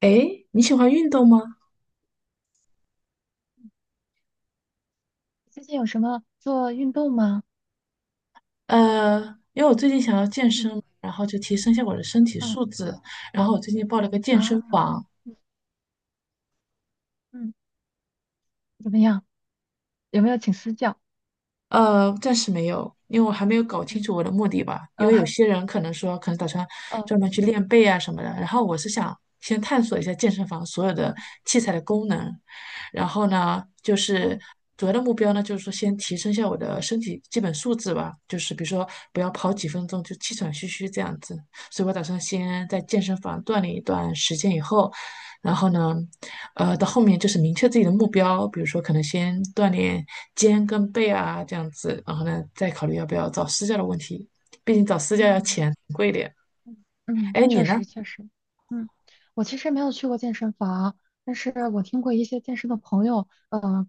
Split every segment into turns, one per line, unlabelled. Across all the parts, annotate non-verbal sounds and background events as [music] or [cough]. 诶，你喜欢运动吗？
最近有什么做运动吗？
呃，因为我最近想要健
嗯，
身，然后就提升一下我的身体
哦，
素质，然后我最近报了个健身
啊，
房，
嗯，怎么样？有没有请私教？
暂时没有，因为我还没有搞清楚我的目的吧。因
呃，
为有些人可能说，可能打算
[laughs] 哦，
专门去练背啊什么的，然后我是想先探索一下健身房所有的
嗯，
器材的功能，然后呢，就是
哦，
主要的目标呢，就是说先提升一下我的身体基本素质吧，就是比如说不要跑几分钟就气喘吁吁这样子。所以我打算先在健身房锻炼一段时间以后，然后呢，到后面就是明确自己的目标，比如说可能先锻炼肩跟背啊这样子，然后呢再考虑要不要找私教的问题，毕竟找私教要
嗯，
钱贵一点。
嗯，嗯，
哎，你
确
呢？
实确实，嗯，我其实没有去过健身房，但是我听过一些健身的朋友，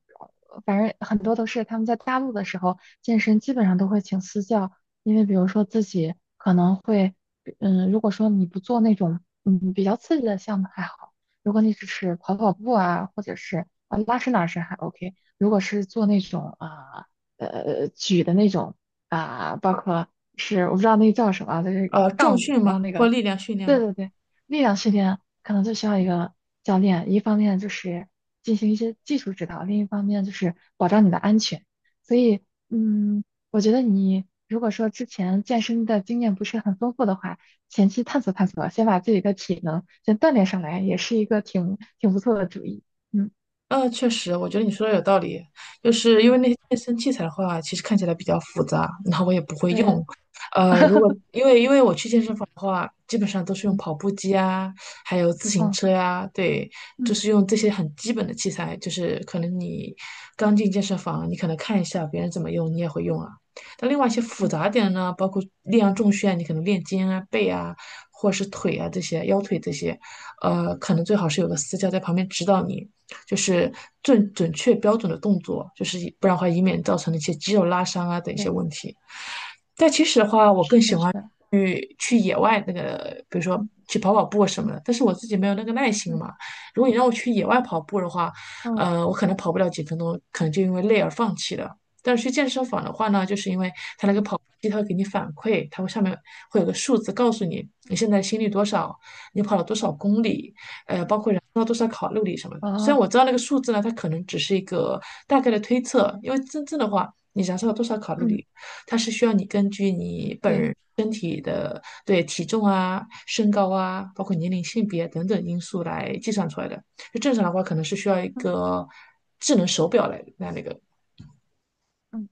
反正很多都是他们在大陆的时候健身，基本上都会请私教。因为比如说自己可能会，如果说你不做那种比较刺激的项目还好，如果你只是跑跑步啊，或者是啊拉伸拉伸还 OK，如果是做那种啊举的那种啊，包括。是我不知道那个叫什么啊就是
重
杠铃，
训
然后
吗？
那
或
个，
力量训练
对
吗？
对对，力量训练可能就需要一个教练，一方面就是进行一些技术指导，另一方面就是保障你的安全。所以，嗯，我觉得你如果说之前健身的经验不是很丰富的话，前期探索探索，先把自己的体能先锻炼上来，也是一个挺不错的主意。嗯
嗯，确实，我觉得你说的有道理，就是因为
嗯，
那些健身器材的话，其实看起来比较复杂，然后我也不会
对，[laughs]
用。如果
嗯
因为我去健身房的话，基本上都是用
嗯，
跑步机啊，还有自行
哦，
车呀、对，就
嗯
是用这些很基本的器材。就是可能你刚进健身房，你可能看一下别人怎么用，你也会用啊。但另外一些复
嗯，
杂点呢，包括力量重训啊，你可能练肩啊、背啊，或者是腿啊这些、腰腿这些，可能最好是有个私教在旁边指导你。就是最准确标准的动作，就是不然的话，以免造成的一些肌肉拉伤啊等一些
对，
问题。但其实的话，我更
是
喜
的，是
欢
的，
去野外那个，比如说
嗯
去跑跑步什么
嗯
的。但是我自己没有那个耐心
嗯，
嘛。如果你让我去野外跑步的话，
哦。
我可能跑不了几分钟，可能就因为累而放弃了。但是去健身房的话呢，就是因为它那个
嗯
跑步机它会给你反馈，它会上面会有个数字告诉你你现在心率多少，你跑了多少公里，包
嗯，
括燃烧多少卡路里什么的。虽然
哦，
我知道那个数字呢，它可能只是一个大概的推测，因为真正的话，你燃烧了多少卡路
嗯，
里，它是需要你根据你本
对，
人身体的对体重啊、身高啊，包括年龄、性别等等因素来计算出来的。就正常的话，可能是需要一
嗯
个智能手表来那个。
嗯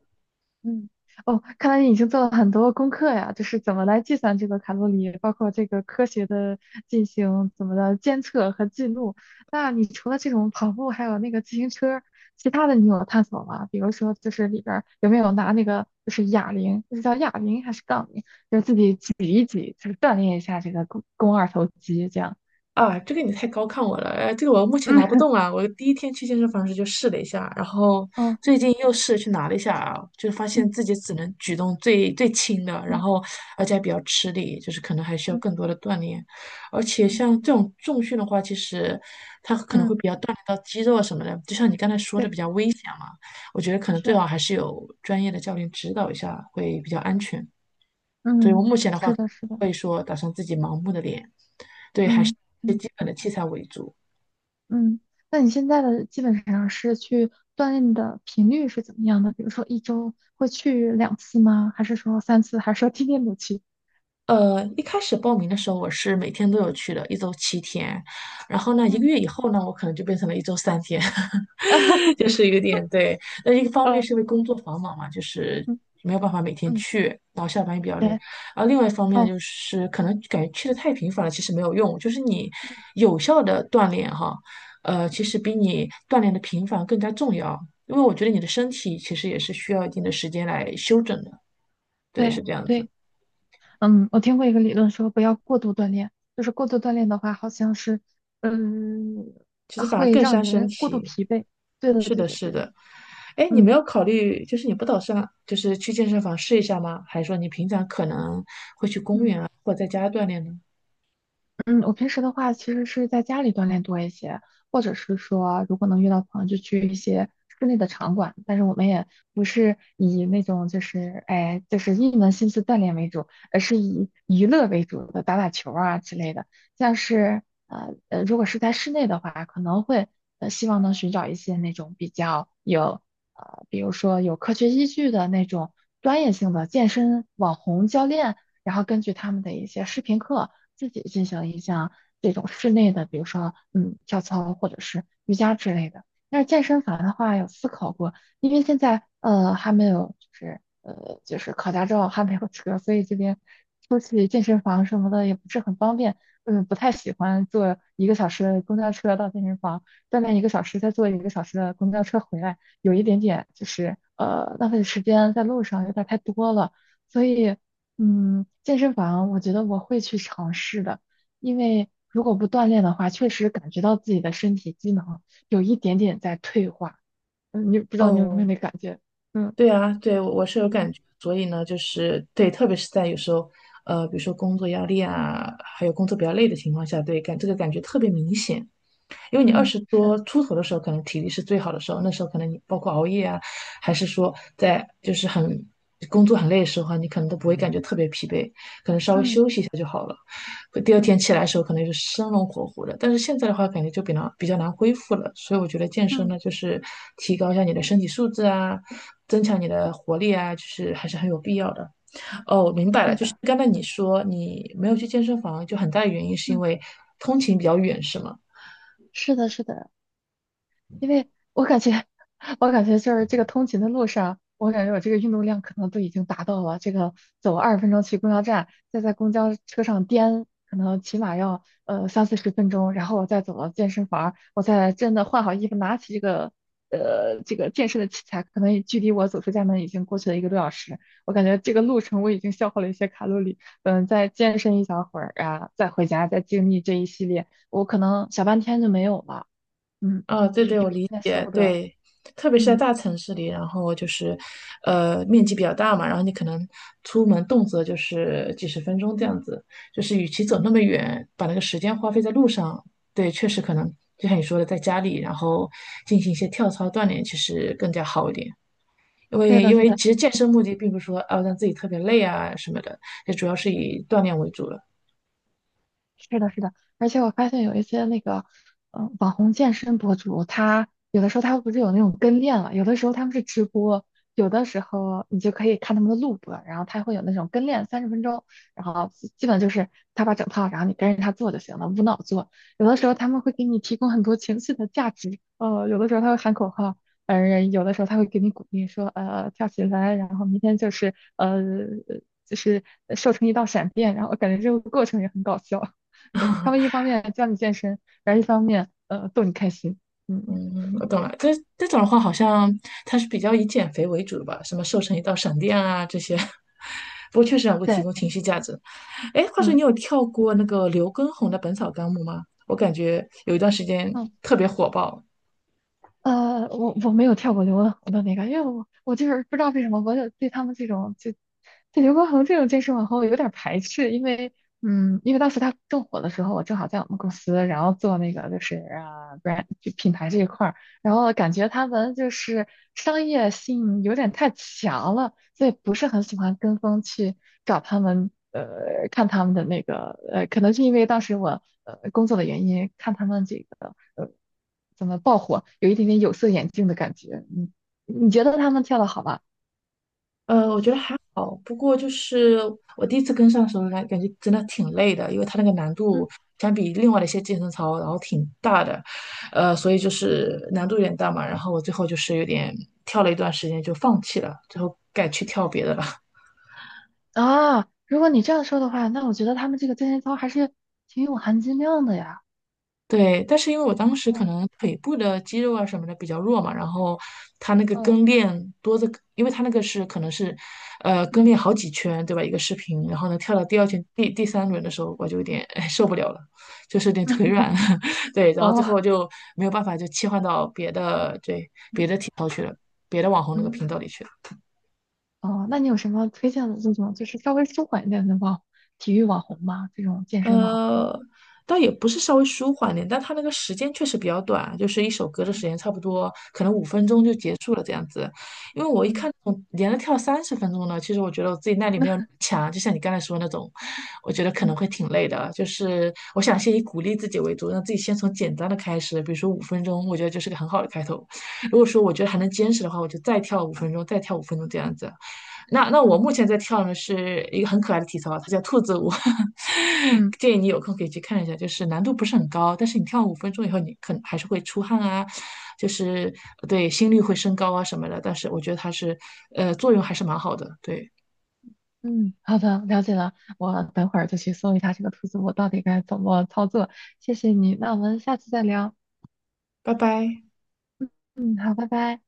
嗯，哦，看来你已经做了很多功课呀，就是怎么来计算这个卡路里，包括这个科学的进行怎么的监测和记录。那你除了这种跑步，还有那个自行车，其他的你有探索吗？比如说，就是里边儿有没有拿那个就是哑铃，就是叫哑铃还是杠铃，就是自己举一举，就是锻炼一下这个肱二头肌这样。
啊，这个你太高看我了，这个我目前拿不
嗯，
动啊。我第一天去健身房时就试了一下，然后
哦，
最近又试着去拿了一下啊，就发现
嗯
自己只能举动最最轻的，然
嗯
后而且还比较吃力，就是可能还需要更
嗯
多的锻炼。而且
嗯
像这种重训的话，其实它可能
嗯，
会比较锻炼到肌肉啊什么的，就像你刚才说的
对，
比较危险嘛。我觉得可能最
是。
好还是有专业的教练指导一下会比较安全。所以我
嗯，
目前的话，
是的，是的，
会说打算自己盲目的练
嗯
一些
嗯
基本的器材为主。
嗯。那你现在的基本上是去锻炼的频率是怎么样的？比如说一周会去两次吗？还是说三次？还是说天天都去？
一开始报名的时候，我是每天都有去的，一周7天。然后呢，一个
嗯，
月以后呢，我可能就变成了一周3天，[laughs] 就
[laughs]
是有点对。那一个方面
呃，
是因为工作繁忙嘛，就是
嗯
没有办法每天
嗯，
去，然后下班也比较累。
对，
然后另外一方面
哦，
就是可能感觉去的太频繁了，其实没有用。就是你
嗯
有效的锻炼哈，其
嗯，
实比你锻炼的频繁更加重要，因为我觉得你的身体其实也是需要一定的时间来休整的。对，是
对
这样子。
对，嗯，我听过一个理论说不要过度锻炼，就是过度锻炼的话，好像是，嗯，
其实反而
会
更
让
伤身
人过度
体。
疲惫。对的，
是
对
的，
的，
是
对的，
的。哎，你没
嗯。
有考虑，就是你不打算就是去健身房试一下吗？还是说你平常可能
嗯。
或在家锻炼呢？
嗯，我平时的话其实是在家里锻炼多一些，或者是说如果能约到朋友，就去一些室内的场馆。但是我们也不是以那种就是哎就是一门心思锻炼为主，而是以娱乐为主的，打打球啊之类的。像是如果是在室内的话，可能会希望能寻找一些那种比较有比如说有科学依据的那种专业性的健身网红教练，然后根据他们的一些视频课。自己进行一项这种室内的，比如说跳操或者是瑜伽之类的。但是健身房的话，有思考过，因为现在还没有就是考驾照还没有车，所以这边出去健身房什么的也不是很方便。嗯，不太喜欢坐一个小时的公交车到健身房，锻炼一个小时，再坐一个小时的公交车回来，有一点点就是浪费时间在路上有点太多了。所以健身房我觉得我会去尝试的，因为如果不锻炼的话，确实感觉到自己的身体机能有一点点在退化。嗯，你不知道你有没有
哦，
那感觉？嗯
对啊，对，我是有
嗯
感觉，所以呢，就是对，特别是在有时候，比如说工作压力啊，还有工作比较累的情况下，对，这个感觉特别明显。因为你二
嗯，
十
是，
多出头的时候，可能体力是最好的时候，那时候可能你包括熬夜啊，还是说在就是很工作很累的时候啊你可能都不会感觉特别疲惫，可能稍微
嗯
休息一下就好了。第二
嗯
天起来的时候，可能就是生龙活虎的。但是现在的话，感觉就比较难恢复了。所以我觉得健身呢，
嗯，
就是提高一下你的身体素质啊，增强你的活力啊，就是还是很有必要的。哦，明白了，
对
就是
的。
刚才你说你没有去健身房，就很大的原因是因
嗯，
为通勤比较远，是吗？
是的，是的，因为我感觉，我感觉就是这个通勤的路上，我感觉我这个运动量可能都已经达到了。这个走20分钟去公交站，再在公交车上颠，可能起码要三四十分钟，然后我再走到健身房，我再真的换好衣服，拿起这个健身的器材，可能距离我走出家门已经过去了一个多小时。我感觉这个路程我已经消耗了一些卡路里，再健身一小会儿啊，再回家，再经历这一系列，我可能小半天就没有了。嗯，
啊，对
有一
对，我
点
理
点舍
解，
不得，
对，特别是在
嗯
大城市里，然后就是，面积比较大嘛，然后你可能出门动辄就是几十分钟这
嗯
样子，就是与其走
嗯
那么远，把那个时间花费在路上，对，确
嗯，
实可能就像你说的，在家里然后进行一些跳操锻炼，其实更加好一点，因
对
为
的
因
对
为
的，
其实健身目的并不是说啊让自己特别累啊什么的，也主要是以锻炼为主了。
是的，是的，而且我发现有一些那个，网红健身博主，他有的时候他不是有那种跟练嘛，有的时候他们是直播，有的时候你就可以看他们的录播，然后他会有那种跟练30分钟，然后基本就是他把整套，然后你跟着他做就行了，无脑做。有的时候他们会给你提供很多情绪的价值，有的时候他会喊口号，有的时候他会给你鼓励说，跳起来，然后明天就是瘦成一道闪电，然后我感觉这个过程也很搞笑。对，他们一方面教你健身，然后一方面逗你开心。嗯，
嗯，我懂了。可是这种的话，好像它是比较以减肥为主的吧？什么瘦成一道闪电啊这些，[laughs] 不过确实能够提
对
供
对，
情绪价值。哎，话说
嗯。
你有跳过那个刘畊宏的《本草纲目》吗？我感觉有一段时间
嗯，
特别火爆，
我没有跳过刘畊宏的那个，因为我就是不知道为什么，我就对他们这种就对刘畊宏这种健身网红有点儿排斥，因为当时他正火的时候，我正好在我们公司，然后做那个就是啊 brand 就品牌这一块儿，然后感觉他们就是商业性有点太强了，所以不是很喜欢跟风去找他们，看他们的那个可能是因为当时我工作的原因，看他们这个怎么爆火，有一点点有色眼镜的感觉。你觉得他们跳的好吗？
我觉得还好，不过就
嗯
是我第一次跟上的时候感觉真的挺累的，因为它那个难度
嗯，
相比另外的一些健身操，然后挺大的，所以就是难度有点大嘛。然后我最后就是有点跳了一段时间就放弃了，最后改去跳别的了。
啊，如果你这样说的话，那我觉得他们这个健身操还是挺有含金量的呀。
对，但是因为我当时可
嗯
能腿部的肌肉啊什么的比较弱嘛，然后它那个
嗯
跟练多的，因为它那个是可能是，跟
嗯
练好几圈，对吧？一个视频，然后呢跳到第二
嗯
圈、第三轮的时候，我就有点哎受不了了，就是有点腿软，[laughs] 对，
[laughs]
然后最后
哦
就没有办法就切换到别的对别的网红那个频道里
嗯，
去了。
哦，那你有什么推荐的这种就是稍微舒缓一点的网体育网红吗？这种健身网红？
呃，倒也不是稍微舒缓点，但它那个时间确实比较短，就是一首歌的时间差不多，可能五分钟就
嗯
结束了这样子。因为我一看，
嗯
我连着跳30分钟呢，其实我觉得我自己耐力
嗯
没有那么
[laughs]
强，就像你刚才说的那种，我觉得可能
嗯
会挺累的。就是我想先以鼓励自己为主，让自己先从简单的开始，比如说五分钟，我觉得就是个很好的开头。如果说我觉得还能坚持的话，我就再跳五分钟，再跳五分钟这样子。那我
嗯
目前在跳的是一个很可爱的体操，它叫兔子舞，
嗯
[laughs] 建议你有空可以去看一下，就是难度不是很高，但是你跳五分钟以后，你可能还是会出汗啊，就是对心率会升高啊什么的，但是我觉得它是作用还是蛮好的，对，
嗯，好的，了解了。我等会儿就去搜一下这个兔子，我到底该怎么操作。谢谢你，那我们下次再聊。
拜拜。
嗯嗯，好，拜拜。